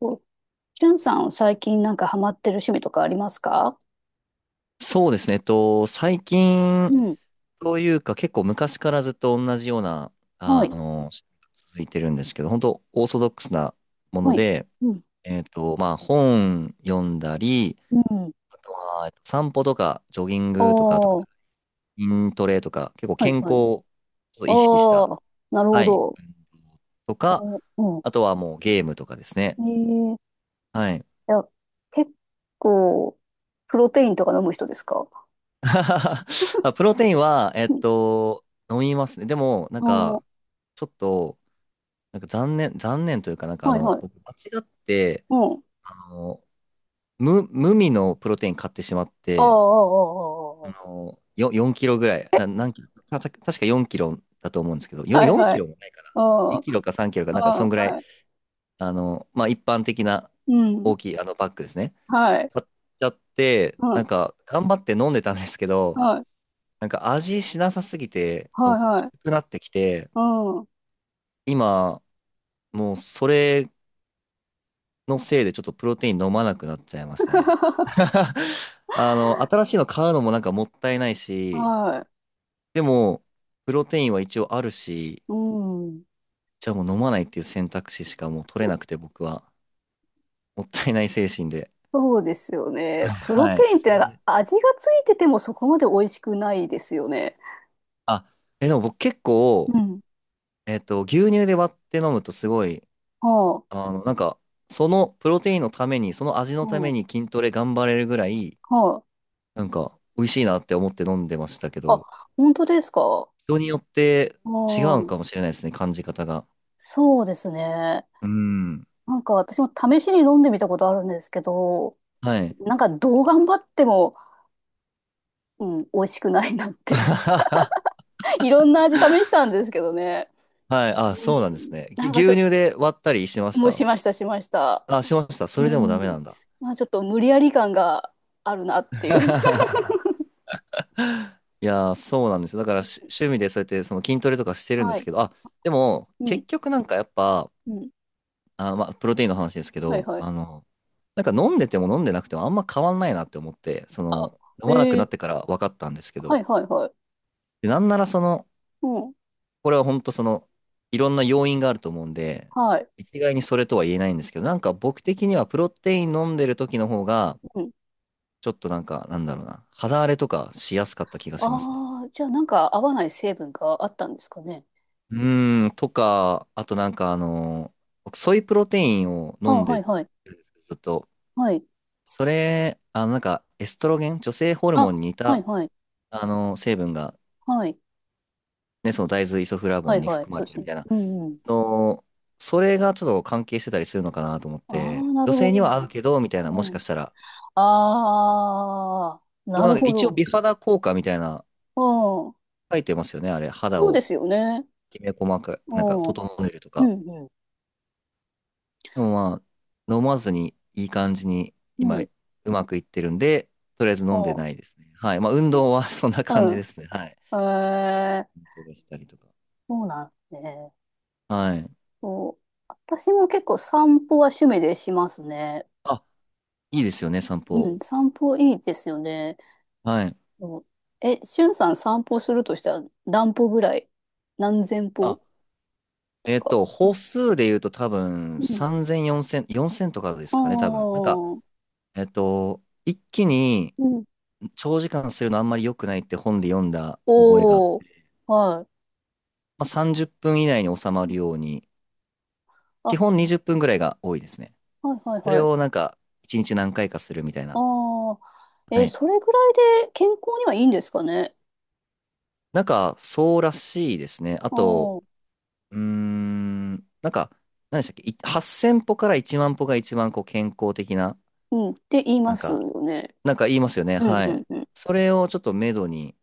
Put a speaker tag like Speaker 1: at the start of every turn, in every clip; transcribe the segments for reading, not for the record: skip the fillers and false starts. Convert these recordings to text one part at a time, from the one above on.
Speaker 1: お、しゅんさんは最近なんかハマってる趣味とかありますか？
Speaker 2: そうですね。最近
Speaker 1: うん。
Speaker 2: というか結構昔からずっと同じような、
Speaker 1: は
Speaker 2: あ
Speaker 1: い。
Speaker 2: あの、続いてるんですけど、本当オーソドックスなもの
Speaker 1: はい。
Speaker 2: で、
Speaker 1: うん。
Speaker 2: まあ本読んだり、
Speaker 1: うん。
Speaker 2: あとは散歩とかジョギン
Speaker 1: ああ、
Speaker 2: グとか、あと
Speaker 1: は
Speaker 2: 筋トレとか、結構
Speaker 1: い
Speaker 2: 健康
Speaker 1: はい。
Speaker 2: を意識した、
Speaker 1: ああ、なるほ
Speaker 2: はい、
Speaker 1: ど。
Speaker 2: とか、
Speaker 1: おーう
Speaker 2: あとはもうゲームとかですね。
Speaker 1: ん。ええ
Speaker 2: はい。
Speaker 1: いや、結構、プロテインとか飲む人ですか？
Speaker 2: あ、プロテインは、
Speaker 1: うん。
Speaker 2: 飲みますね。でも、なん
Speaker 1: おー、
Speaker 2: か、ちょっと、なんか残念というか、なんか
Speaker 1: はいはい。
Speaker 2: 僕間違って、
Speaker 1: うん。
Speaker 2: あの、無味のプロテイン買ってしまっ
Speaker 1: ああ、
Speaker 2: て、
Speaker 1: ああ、あー
Speaker 2: 4キロぐらい、何キロ、確か4キロだと思うんですけど、
Speaker 1: あー、ああ。はい
Speaker 2: 4
Speaker 1: は
Speaker 2: キ
Speaker 1: い。
Speaker 2: ロもないかな。
Speaker 1: あ
Speaker 2: 2
Speaker 1: あ、
Speaker 2: キロか3キロか、なんかそ
Speaker 1: あ
Speaker 2: んぐ
Speaker 1: あ、
Speaker 2: らい、
Speaker 1: はい。
Speaker 2: まあ一般的な
Speaker 1: うん。
Speaker 2: 大きいあのバッグですね。
Speaker 1: はい。
Speaker 2: 買っちゃって、
Speaker 1: う
Speaker 2: なん
Speaker 1: ん。
Speaker 2: か頑張って飲んでたんですけど、
Speaker 1: はい。
Speaker 2: なんか味しなさすぎて、も
Speaker 1: はい
Speaker 2: うき
Speaker 1: はい。
Speaker 2: つくなってきて、
Speaker 1: うん。
Speaker 2: 今、もうそれのせいでちょっとプロテイン飲まなくなっちゃいましたね。新しいの買うのもなんかもったいないし、
Speaker 1: はい。
Speaker 2: でも、プロテインは一応あるし、
Speaker 1: うん。
Speaker 2: じゃあもう飲まないっていう選択肢しかもう取れなくて僕は、もったいない精神で。
Speaker 1: そうですよ ね。プロ
Speaker 2: は
Speaker 1: テ
Speaker 2: い。
Speaker 1: インって
Speaker 2: そ
Speaker 1: な
Speaker 2: れ
Speaker 1: んか
Speaker 2: で、
Speaker 1: 味がついててもそこまで美味しくないですよね。
Speaker 2: あ、でも僕結
Speaker 1: う
Speaker 2: 構、
Speaker 1: ん。
Speaker 2: 牛乳で割って飲むとすごい、
Speaker 1: はあ。
Speaker 2: あの、なんか、そのプロテインのために、その味
Speaker 1: う
Speaker 2: のた
Speaker 1: ん
Speaker 2: めに筋トレ頑張れるぐらい、
Speaker 1: はい。
Speaker 2: なんか、美味しいなって思って飲んでましたけ
Speaker 1: あ、
Speaker 2: ど、
Speaker 1: 本当ですか？
Speaker 2: 人によって違う
Speaker 1: う
Speaker 2: の
Speaker 1: ん。
Speaker 2: かもしれないですね、感じ方が。
Speaker 1: そうですね。
Speaker 2: うん。
Speaker 1: なんか私も試しに飲んでみたことあるんですけど、
Speaker 2: はい。
Speaker 1: なんかどう頑張っても、うん、美味しくないなっ
Speaker 2: あ
Speaker 1: て。
Speaker 2: はは、
Speaker 1: いろんな味試したんですけどね。
Speaker 2: はい。
Speaker 1: う
Speaker 2: あ、そうなんです
Speaker 1: ん。
Speaker 2: ね。
Speaker 1: なんかち
Speaker 2: 牛
Speaker 1: ょっと、
Speaker 2: 乳で割ったりしまし
Speaker 1: もう
Speaker 2: た
Speaker 1: しました、しました。
Speaker 2: あ？しました。
Speaker 1: う
Speaker 2: それでもダメ
Speaker 1: ん。
Speaker 2: なんだ。
Speaker 1: まあちょっと無理やり感があるなっていう。
Speaker 2: いやー、そうなんですよ。だから 趣味でそうやってその筋トレとかしてるんで
Speaker 1: は
Speaker 2: す
Speaker 1: い。
Speaker 2: けど、あ、でも
Speaker 1: うん。
Speaker 2: 結局なんかやっぱ、
Speaker 1: うん。
Speaker 2: あ、まあ、プロテインの話ですけ
Speaker 1: はい
Speaker 2: ど、
Speaker 1: はい。
Speaker 2: なんか飲んでても飲んでなくてもあんま変わんないなって思って、その、飲まなく
Speaker 1: あ、
Speaker 2: な
Speaker 1: え
Speaker 2: って
Speaker 1: え
Speaker 2: から分かったんですけ
Speaker 1: は
Speaker 2: ど、
Speaker 1: いはいはい。
Speaker 2: で、なんならその、
Speaker 1: うん。
Speaker 2: これは本当その、いろんな要因があると思うんで、
Speaker 1: はい。
Speaker 2: 一概にそれとは言えないんですけど、なんか僕的にはプロテイン飲んでる時の方が、
Speaker 1: うん。
Speaker 2: ちょっとなんか、なんだろうな、肌荒れとかしやすかった気がしますね。
Speaker 1: ああ、じゃあなんか合わない成分があったんですかね。
Speaker 2: うーん、とか、あとなんか僕ソイプロテインを
Speaker 1: あ、
Speaker 2: 飲ん
Speaker 1: は
Speaker 2: で
Speaker 1: い
Speaker 2: る
Speaker 1: はい。
Speaker 2: んですけど、ずっと、
Speaker 1: はい。
Speaker 2: それ、エストロゲン、女性ホルモン
Speaker 1: あ、
Speaker 2: に似
Speaker 1: はい
Speaker 2: た、
Speaker 1: はい。
Speaker 2: 成分が、
Speaker 1: はい。
Speaker 2: ね、その大豆イソフラボ
Speaker 1: は
Speaker 2: ン
Speaker 1: い
Speaker 2: に
Speaker 1: はい。
Speaker 2: 含ま
Speaker 1: そう
Speaker 2: れ
Speaker 1: で
Speaker 2: て
Speaker 1: す
Speaker 2: るみ
Speaker 1: ね。
Speaker 2: たいな
Speaker 1: うんうん。
Speaker 2: の、それがちょっと関係してたりするのかなと思っ
Speaker 1: あ
Speaker 2: て、
Speaker 1: あ、な
Speaker 2: 女
Speaker 1: るほ
Speaker 2: 性には合う
Speaker 1: ど。
Speaker 2: けど、みたいな、もし
Speaker 1: うん。
Speaker 2: かしたら。
Speaker 1: ああ、
Speaker 2: でも
Speaker 1: な
Speaker 2: なん
Speaker 1: る
Speaker 2: か
Speaker 1: ほ
Speaker 2: 一応
Speaker 1: ど。
Speaker 2: 美肌効果みたいな、
Speaker 1: うん。
Speaker 2: 書いてますよね、あれ。肌
Speaker 1: そうで
Speaker 2: を
Speaker 1: すよね。
Speaker 2: きめ細か
Speaker 1: う
Speaker 2: く、なんか
Speaker 1: ん。うん
Speaker 2: 整えるとか。
Speaker 1: うん。
Speaker 2: でもまあ、飲まずにいい感じに
Speaker 1: う
Speaker 2: 今、
Speaker 1: ん。
Speaker 2: うまくいってるんで、とりあえず飲んでない
Speaker 1: あ
Speaker 2: ですね。はい。まあ、運動は そんな
Speaker 1: あ
Speaker 2: 感じ
Speaker 1: う
Speaker 2: ですね。はい。
Speaker 1: ん。ええ
Speaker 2: 運動したりとか。
Speaker 1: そうなんですね。
Speaker 2: はい。
Speaker 1: そう私も結構散歩は趣味でしますね。
Speaker 2: あ、いいですよね、散
Speaker 1: う
Speaker 2: 歩。
Speaker 1: ん、散歩いいですよね。
Speaker 2: はい。
Speaker 1: そうえ、しゅんさん散歩するとしたら何歩ぐらい、何千
Speaker 2: あ
Speaker 1: 歩とか？
Speaker 2: 歩数で言うと多分
Speaker 1: うん。
Speaker 2: 3000、4000とかで
Speaker 1: あ
Speaker 2: す
Speaker 1: あ
Speaker 2: かね、多分。なんか、
Speaker 1: ー、
Speaker 2: 一気に
Speaker 1: うん。
Speaker 2: 長時間するのあんまり良くないって本で読んだ覚えがあっ
Speaker 1: おー、
Speaker 2: て、
Speaker 1: は
Speaker 2: まあ、30分以内に収ま
Speaker 1: い。
Speaker 2: るように、
Speaker 1: あ、
Speaker 2: 基
Speaker 1: は
Speaker 2: 本20分ぐらいが多いですね。
Speaker 1: いはい
Speaker 2: それ
Speaker 1: はい。
Speaker 2: をなんか、1日何回かするみたいな。
Speaker 1: ああ、え
Speaker 2: は
Speaker 1: ー、
Speaker 2: い。
Speaker 1: それぐらいで健康にはいいんですかね？
Speaker 2: なんか、そうらしいですね。あ
Speaker 1: あ
Speaker 2: と、
Speaker 1: あ、
Speaker 2: うーん、なんか、何でしたっけ、8000歩から1万歩が一番こう健康的な、
Speaker 1: うん、って言い
Speaker 2: な
Speaker 1: ま
Speaker 2: ん
Speaker 1: す
Speaker 2: か、
Speaker 1: よね。
Speaker 2: なんか言いますよね。
Speaker 1: うん
Speaker 2: は
Speaker 1: うん
Speaker 2: い。
Speaker 1: うん。
Speaker 2: それをちょっと目処に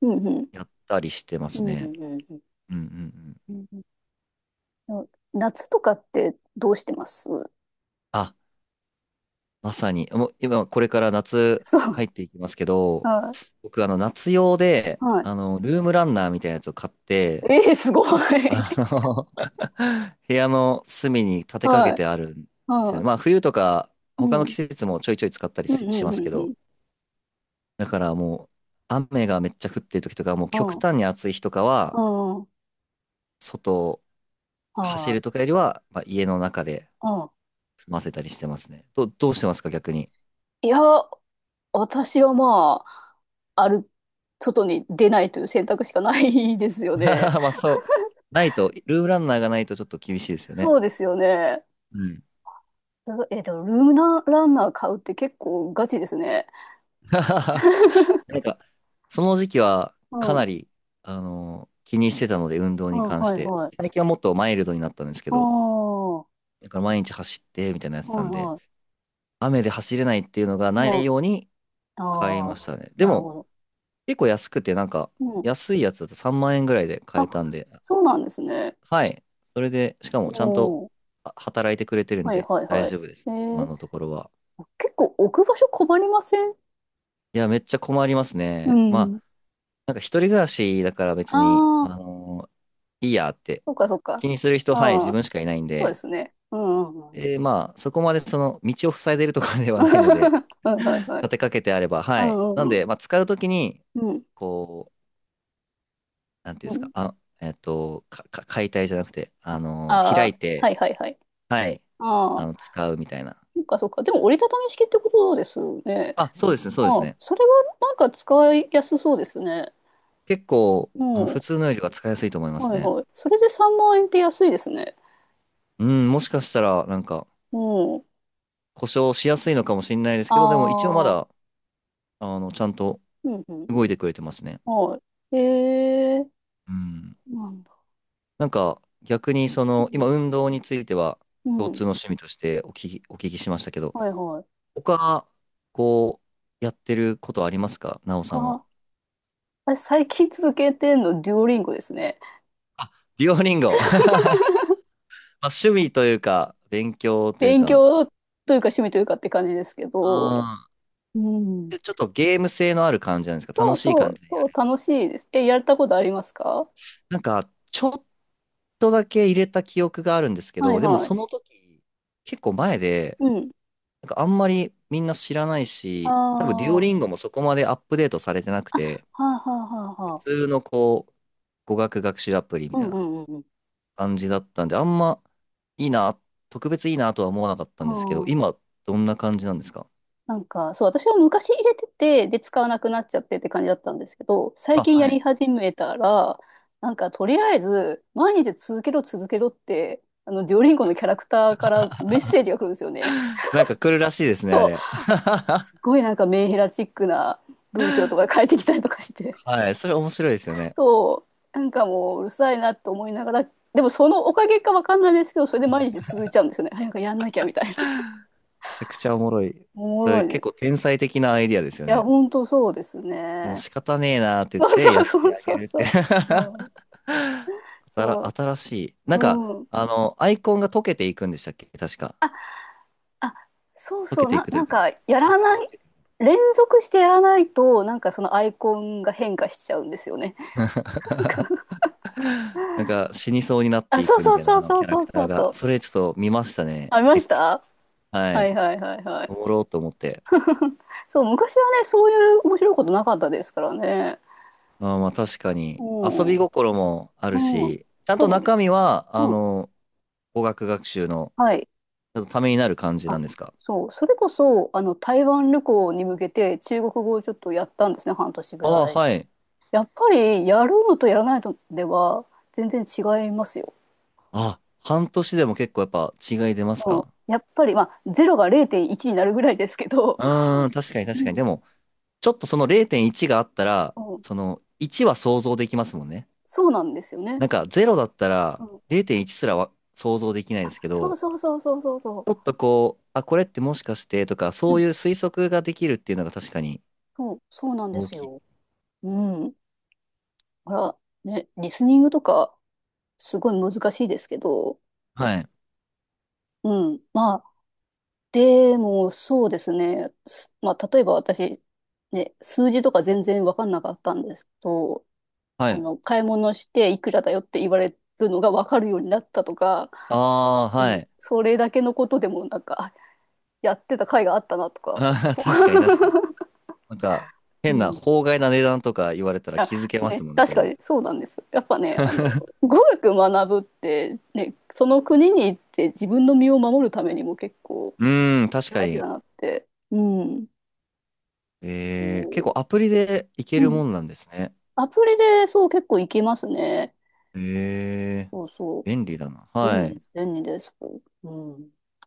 Speaker 1: うんうん。
Speaker 2: やったりしてま
Speaker 1: う
Speaker 2: す
Speaker 1: んう
Speaker 2: ね。
Speaker 1: んうん
Speaker 2: うん、うん、うん。
Speaker 1: うん。うん夏とかってどうしてます？
Speaker 2: あ、まさに。もう今、これから夏
Speaker 1: そう。
Speaker 2: 入っていきますけど、
Speaker 1: はい。
Speaker 2: 僕、夏用で、
Speaker 1: はい。
Speaker 2: ルームランナーみたいなやつを買って、
Speaker 1: ええすごい。
Speaker 2: あ の 部屋の隅に立てかけ
Speaker 1: はい。
Speaker 2: てあるんですよね。
Speaker 1: は
Speaker 2: まあ、冬とか、
Speaker 1: い。う
Speaker 2: 他の
Speaker 1: ん。
Speaker 2: 季節もちょいちょい使ったり
Speaker 1: うん、
Speaker 2: し
Speaker 1: うん、
Speaker 2: ま
Speaker 1: う
Speaker 2: す
Speaker 1: ん、
Speaker 2: け
Speaker 1: う
Speaker 2: ど、
Speaker 1: ん。
Speaker 2: だからもう、雨がめっちゃ降ってる時とか、もう極
Speaker 1: う
Speaker 2: 端に暑い日とかは、
Speaker 1: ん。うん。
Speaker 2: 外走
Speaker 1: は
Speaker 2: るとかよりは、まあ、家の中で
Speaker 1: い。うん。
Speaker 2: 済ませたりしてますね。どうしてますか、逆に。
Speaker 1: いや、私はまあ、ある、外に出ないという選択しかないですよね。
Speaker 2: まあ、そう。ないと、ルームランナーがないとちょっと厳しいですよ
Speaker 1: そ
Speaker 2: ね。
Speaker 1: うですよね。
Speaker 2: うん。
Speaker 1: えっと、でもルームナランナー買うって結構ガチですね。
Speaker 2: なんか、その時期はか
Speaker 1: は
Speaker 2: な
Speaker 1: い。
Speaker 2: り、気にしてたので、運動
Speaker 1: う
Speaker 2: に
Speaker 1: ん、
Speaker 2: 関し
Speaker 1: はい、
Speaker 2: て。
Speaker 1: はい。
Speaker 2: 最近はもっとマイルドになったんですけ
Speaker 1: ああ、
Speaker 2: ど、
Speaker 1: は
Speaker 2: だから毎日走って、みたいなのやっ
Speaker 1: い、
Speaker 2: てたん
Speaker 1: は
Speaker 2: で、
Speaker 1: い。
Speaker 2: 雨で走れないっていうのが
Speaker 1: う
Speaker 2: な
Speaker 1: ん、
Speaker 2: いように買い
Speaker 1: あ
Speaker 2: ま
Speaker 1: あ、
Speaker 2: したね。で
Speaker 1: なる
Speaker 2: も、
Speaker 1: ほど。
Speaker 2: 結構安くて、なんか、安いやつだと3万円ぐらいで買
Speaker 1: あ、
Speaker 2: えたんで、
Speaker 1: そうなんですね。
Speaker 2: はい。それで、しかもちゃんと
Speaker 1: も
Speaker 2: 働いてくれてる
Speaker 1: う、
Speaker 2: ん
Speaker 1: はい
Speaker 2: で
Speaker 1: はい
Speaker 2: 大
Speaker 1: はい。
Speaker 2: 丈夫です。
Speaker 1: え
Speaker 2: 今
Speaker 1: ー、
Speaker 2: のところは。
Speaker 1: 結構置く場所困りません？
Speaker 2: いや、めっちゃ困ります
Speaker 1: う
Speaker 2: ね。ま
Speaker 1: ん。
Speaker 2: あ、なんか一人暮らしだから
Speaker 1: あ
Speaker 2: 別に、
Speaker 1: あ、
Speaker 2: いいやって
Speaker 1: そうかそう
Speaker 2: 気
Speaker 1: か。
Speaker 2: にする人、はい、自
Speaker 1: うん。
Speaker 2: 分しかいないん
Speaker 1: そうで
Speaker 2: で、
Speaker 1: すね。うんうんうん。
Speaker 2: で、まあ、そこまでその道を塞いでるとかではないので、
Speaker 1: はいはい はい。
Speaker 2: 立てかけてあれば、
Speaker 1: う
Speaker 2: はい。
Speaker 1: んう
Speaker 2: なん
Speaker 1: んうん。
Speaker 2: で、まあ、使うときに、
Speaker 1: う
Speaker 2: こう、なんて
Speaker 1: ん
Speaker 2: いうんで
Speaker 1: う
Speaker 2: すか、
Speaker 1: ん。
Speaker 2: あ、解体じゃなくて、
Speaker 1: あ
Speaker 2: 開
Speaker 1: あ、
Speaker 2: い
Speaker 1: はい
Speaker 2: て、
Speaker 1: はいはい。
Speaker 2: はい、
Speaker 1: ああ、
Speaker 2: 使うみたいな。
Speaker 1: そうかそうか。でも折りたたみ式ってことですよね。
Speaker 2: あ、そうですね、そうです
Speaker 1: ああ、
Speaker 2: ね。
Speaker 1: それはなんか使いやすそうですね。
Speaker 2: 結構、
Speaker 1: う
Speaker 2: 普
Speaker 1: ん。
Speaker 2: 通のよりは使いやすいと思います
Speaker 1: はい
Speaker 2: ね。
Speaker 1: はい。それで3万円って安いですね。
Speaker 2: うん、もしかしたら、なんか、
Speaker 1: うん。
Speaker 2: 故障しやすいのかもしれないですけど、でも一応ま
Speaker 1: ああ、
Speaker 2: だ、ちゃんと
Speaker 1: うんうん。
Speaker 2: 動いてくれてますね。
Speaker 1: はい。えー、
Speaker 2: うん。
Speaker 1: なんだ。
Speaker 2: なんか、逆に、そ
Speaker 1: う
Speaker 2: の、今、
Speaker 1: ん。
Speaker 2: 運動については、
Speaker 1: う
Speaker 2: 共
Speaker 1: ん。
Speaker 2: 通の趣味としてお聞きしましたけど、
Speaker 1: はいはい。
Speaker 2: 他、こう、やってることありますかなおさんは。
Speaker 1: か、私最近続けてんの、デュオリンゴですね。
Speaker 2: あ、デュオリンゴ。ま あ、趣味というか、勉強という
Speaker 1: 勉
Speaker 2: か、
Speaker 1: 強というか趣味というかって感じですけ
Speaker 2: う
Speaker 1: ど。
Speaker 2: ん。
Speaker 1: うん。
Speaker 2: でちょっとゲーム性のある感じなんですか？
Speaker 1: そう
Speaker 2: 楽しい
Speaker 1: そ
Speaker 2: 感
Speaker 1: う、
Speaker 2: じで、
Speaker 1: そう、楽しいです。え、やったことありますか？
Speaker 2: なんか、ちょっとだけ入れた記憶があるんですけ
Speaker 1: はい
Speaker 2: ど、でも
Speaker 1: はい。
Speaker 2: その時、結構前で、
Speaker 1: うん。
Speaker 2: なんかあんまりみんな知らないし、多分デュオ
Speaker 1: あ
Speaker 2: リン
Speaker 1: あ。
Speaker 2: ゴもそこまでアップデートされてなく
Speaker 1: あ、
Speaker 2: て、
Speaker 1: はあはあはあ
Speaker 2: 普
Speaker 1: はあ。
Speaker 2: 通のこう、語学学習アプリみ
Speaker 1: う
Speaker 2: たい
Speaker 1: んう
Speaker 2: な
Speaker 1: んうんうん。
Speaker 2: 感じだったんで、あんまいいな、特別いいなとは思わなかった
Speaker 1: あ
Speaker 2: んですけど、
Speaker 1: あ
Speaker 2: 今、どんな感じなんですか
Speaker 1: なんか、そう、私は昔入れてて、で、使わなくなっちゃってって感じだったんですけど、最
Speaker 2: あ？
Speaker 1: 近や
Speaker 2: は
Speaker 1: り
Speaker 2: い。
Speaker 1: 始めたら、なんか、とりあえず、毎日続けろ続けろって、あの、デュオリンゴのキャラクターから メッセージが来るんですよね。
Speaker 2: なんか来るらしいですね、あれ。
Speaker 1: す ごいなんかメンヘラチックな文章とか書いてきたりとかして。
Speaker 2: はい、それ面白いですよね。
Speaker 1: そう、なんかもううるさいなと思いながら、でもそのおかげかわかんないですけど、それで毎日続いちゃうんですよね。早くやんなきゃみたいな。
Speaker 2: めちゃくちゃおもろい。
Speaker 1: おも
Speaker 2: そ
Speaker 1: ろ
Speaker 2: れ
Speaker 1: い
Speaker 2: 結
Speaker 1: で
Speaker 2: 構
Speaker 1: す。
Speaker 2: 天才的なアイディアですよ
Speaker 1: いや、
Speaker 2: ね。
Speaker 1: ほんとそうです
Speaker 2: もう
Speaker 1: ね。
Speaker 2: 仕方ねえなーって言っ
Speaker 1: そう
Speaker 2: て
Speaker 1: そ
Speaker 2: や
Speaker 1: う
Speaker 2: っ
Speaker 1: そ
Speaker 2: て
Speaker 1: う
Speaker 2: あげ
Speaker 1: そう
Speaker 2: るっ
Speaker 1: そ
Speaker 2: て
Speaker 1: う。うん
Speaker 2: 新
Speaker 1: そ
Speaker 2: 新しい。なん
Speaker 1: う、
Speaker 2: か、
Speaker 1: うん。
Speaker 2: アイコンが溶けていくんでしたっけ確か。
Speaker 1: あ、そう
Speaker 2: 溶
Speaker 1: そう、
Speaker 2: けていくというか、なんか
Speaker 1: や
Speaker 2: 顔
Speaker 1: ら
Speaker 2: 変わ
Speaker 1: な
Speaker 2: っ
Speaker 1: い、
Speaker 2: ていく
Speaker 1: 連続してやらないと、なんかそのアイコンが変化しちゃうんですよね。なんか
Speaker 2: なんか死にそうになって
Speaker 1: あ、
Speaker 2: い
Speaker 1: そう
Speaker 2: くみ
Speaker 1: そう
Speaker 2: たいな、
Speaker 1: そ
Speaker 2: あ
Speaker 1: う
Speaker 2: の
Speaker 1: そ
Speaker 2: キ
Speaker 1: う
Speaker 2: ャラ
Speaker 1: そ
Speaker 2: ク
Speaker 1: うそ
Speaker 2: ター
Speaker 1: うそ
Speaker 2: が。そ
Speaker 1: う。
Speaker 2: れちょっと見ましたね。
Speaker 1: ありまし
Speaker 2: X。
Speaker 1: た？
Speaker 2: は
Speaker 1: はい
Speaker 2: い。
Speaker 1: はいはいはい。
Speaker 2: おもろうと思って。
Speaker 1: そう、昔はね、そういう面白いことなかったですからね。
Speaker 2: あーまあ確か
Speaker 1: う
Speaker 2: に。遊
Speaker 1: ん、
Speaker 2: び
Speaker 1: う
Speaker 2: 心もある
Speaker 1: ん、
Speaker 2: し、ちゃん
Speaker 1: そう
Speaker 2: と
Speaker 1: なんです。
Speaker 2: 中身は、
Speaker 1: うん、
Speaker 2: 語学学習の
Speaker 1: はい。
Speaker 2: ちょっとためになる感じな
Speaker 1: あ、
Speaker 2: んですか？
Speaker 1: そう、それこそ、あの、台湾旅行に向けて中国語をちょっとやったんですね、半年ぐ
Speaker 2: ああ
Speaker 1: ら
Speaker 2: ー、
Speaker 1: い。
Speaker 2: はい。
Speaker 1: やっぱりやるのとやらないのでは全然違いますよ。
Speaker 2: あ、半年でも結構やっぱ違い出ます
Speaker 1: うん、
Speaker 2: か？
Speaker 1: やっぱり、まあ、0が0.1になるぐらいですけど、
Speaker 2: うーん、確かに、
Speaker 1: う
Speaker 2: 確かに。
Speaker 1: ん、
Speaker 2: でも、ちょっとその0.1があったら、
Speaker 1: うん、
Speaker 2: その1は想像できますもんね。
Speaker 1: そうなんですよね。
Speaker 2: なんか0だった
Speaker 1: う
Speaker 2: ら
Speaker 1: ん、
Speaker 2: 0.1すらは想像できないですけ
Speaker 1: そう
Speaker 2: ど、
Speaker 1: そうそうそうそうそ
Speaker 2: ちょっとこう、あ、これってもしかしてとか、
Speaker 1: う。う
Speaker 2: そう
Speaker 1: ん、
Speaker 2: いう推測ができるっていうのが確かに
Speaker 1: そう、そうなんで
Speaker 2: 大
Speaker 1: す
Speaker 2: きい。
Speaker 1: よ。うん。あら、ね、リスニングとかすごい難しいですけど、
Speaker 2: はい。
Speaker 1: うん。まあ、でもそうですね。まあ、例えば私、ね、数字とか全然わかんなかったんですけど、
Speaker 2: は
Speaker 1: あ
Speaker 2: い。
Speaker 1: の、買い物していくらだよって言われるのが分かるようになったとか、
Speaker 2: ああ、
Speaker 1: う
Speaker 2: は
Speaker 1: ん、
Speaker 2: い。
Speaker 1: それだけのことでもなんか、あやってた甲斐があったなと か、
Speaker 2: 確かに、確かに。なんか、
Speaker 1: う
Speaker 2: 変な
Speaker 1: ん。
Speaker 2: 法外な値段とか言われたら
Speaker 1: あ
Speaker 2: 気づけます
Speaker 1: ね、
Speaker 2: もんね、そ
Speaker 1: 確
Speaker 2: れ
Speaker 1: か
Speaker 2: で。
Speaker 1: にそうなんです。やっぱね、あの、語学学ぶって、ね、その国に行って自分の身を守るためにも結構
Speaker 2: うーん、確か
Speaker 1: 大事だ
Speaker 2: に。
Speaker 1: なって。うん。そ
Speaker 2: えー、結構アプリでいけ
Speaker 1: うう
Speaker 2: る
Speaker 1: ん。
Speaker 2: もんなんですね。
Speaker 1: アプリでそう結構いけますね。
Speaker 2: えー、
Speaker 1: そうそう。
Speaker 2: 便利だな。
Speaker 1: 便
Speaker 2: は
Speaker 1: 利で
Speaker 2: い。
Speaker 1: す。便利です。うん。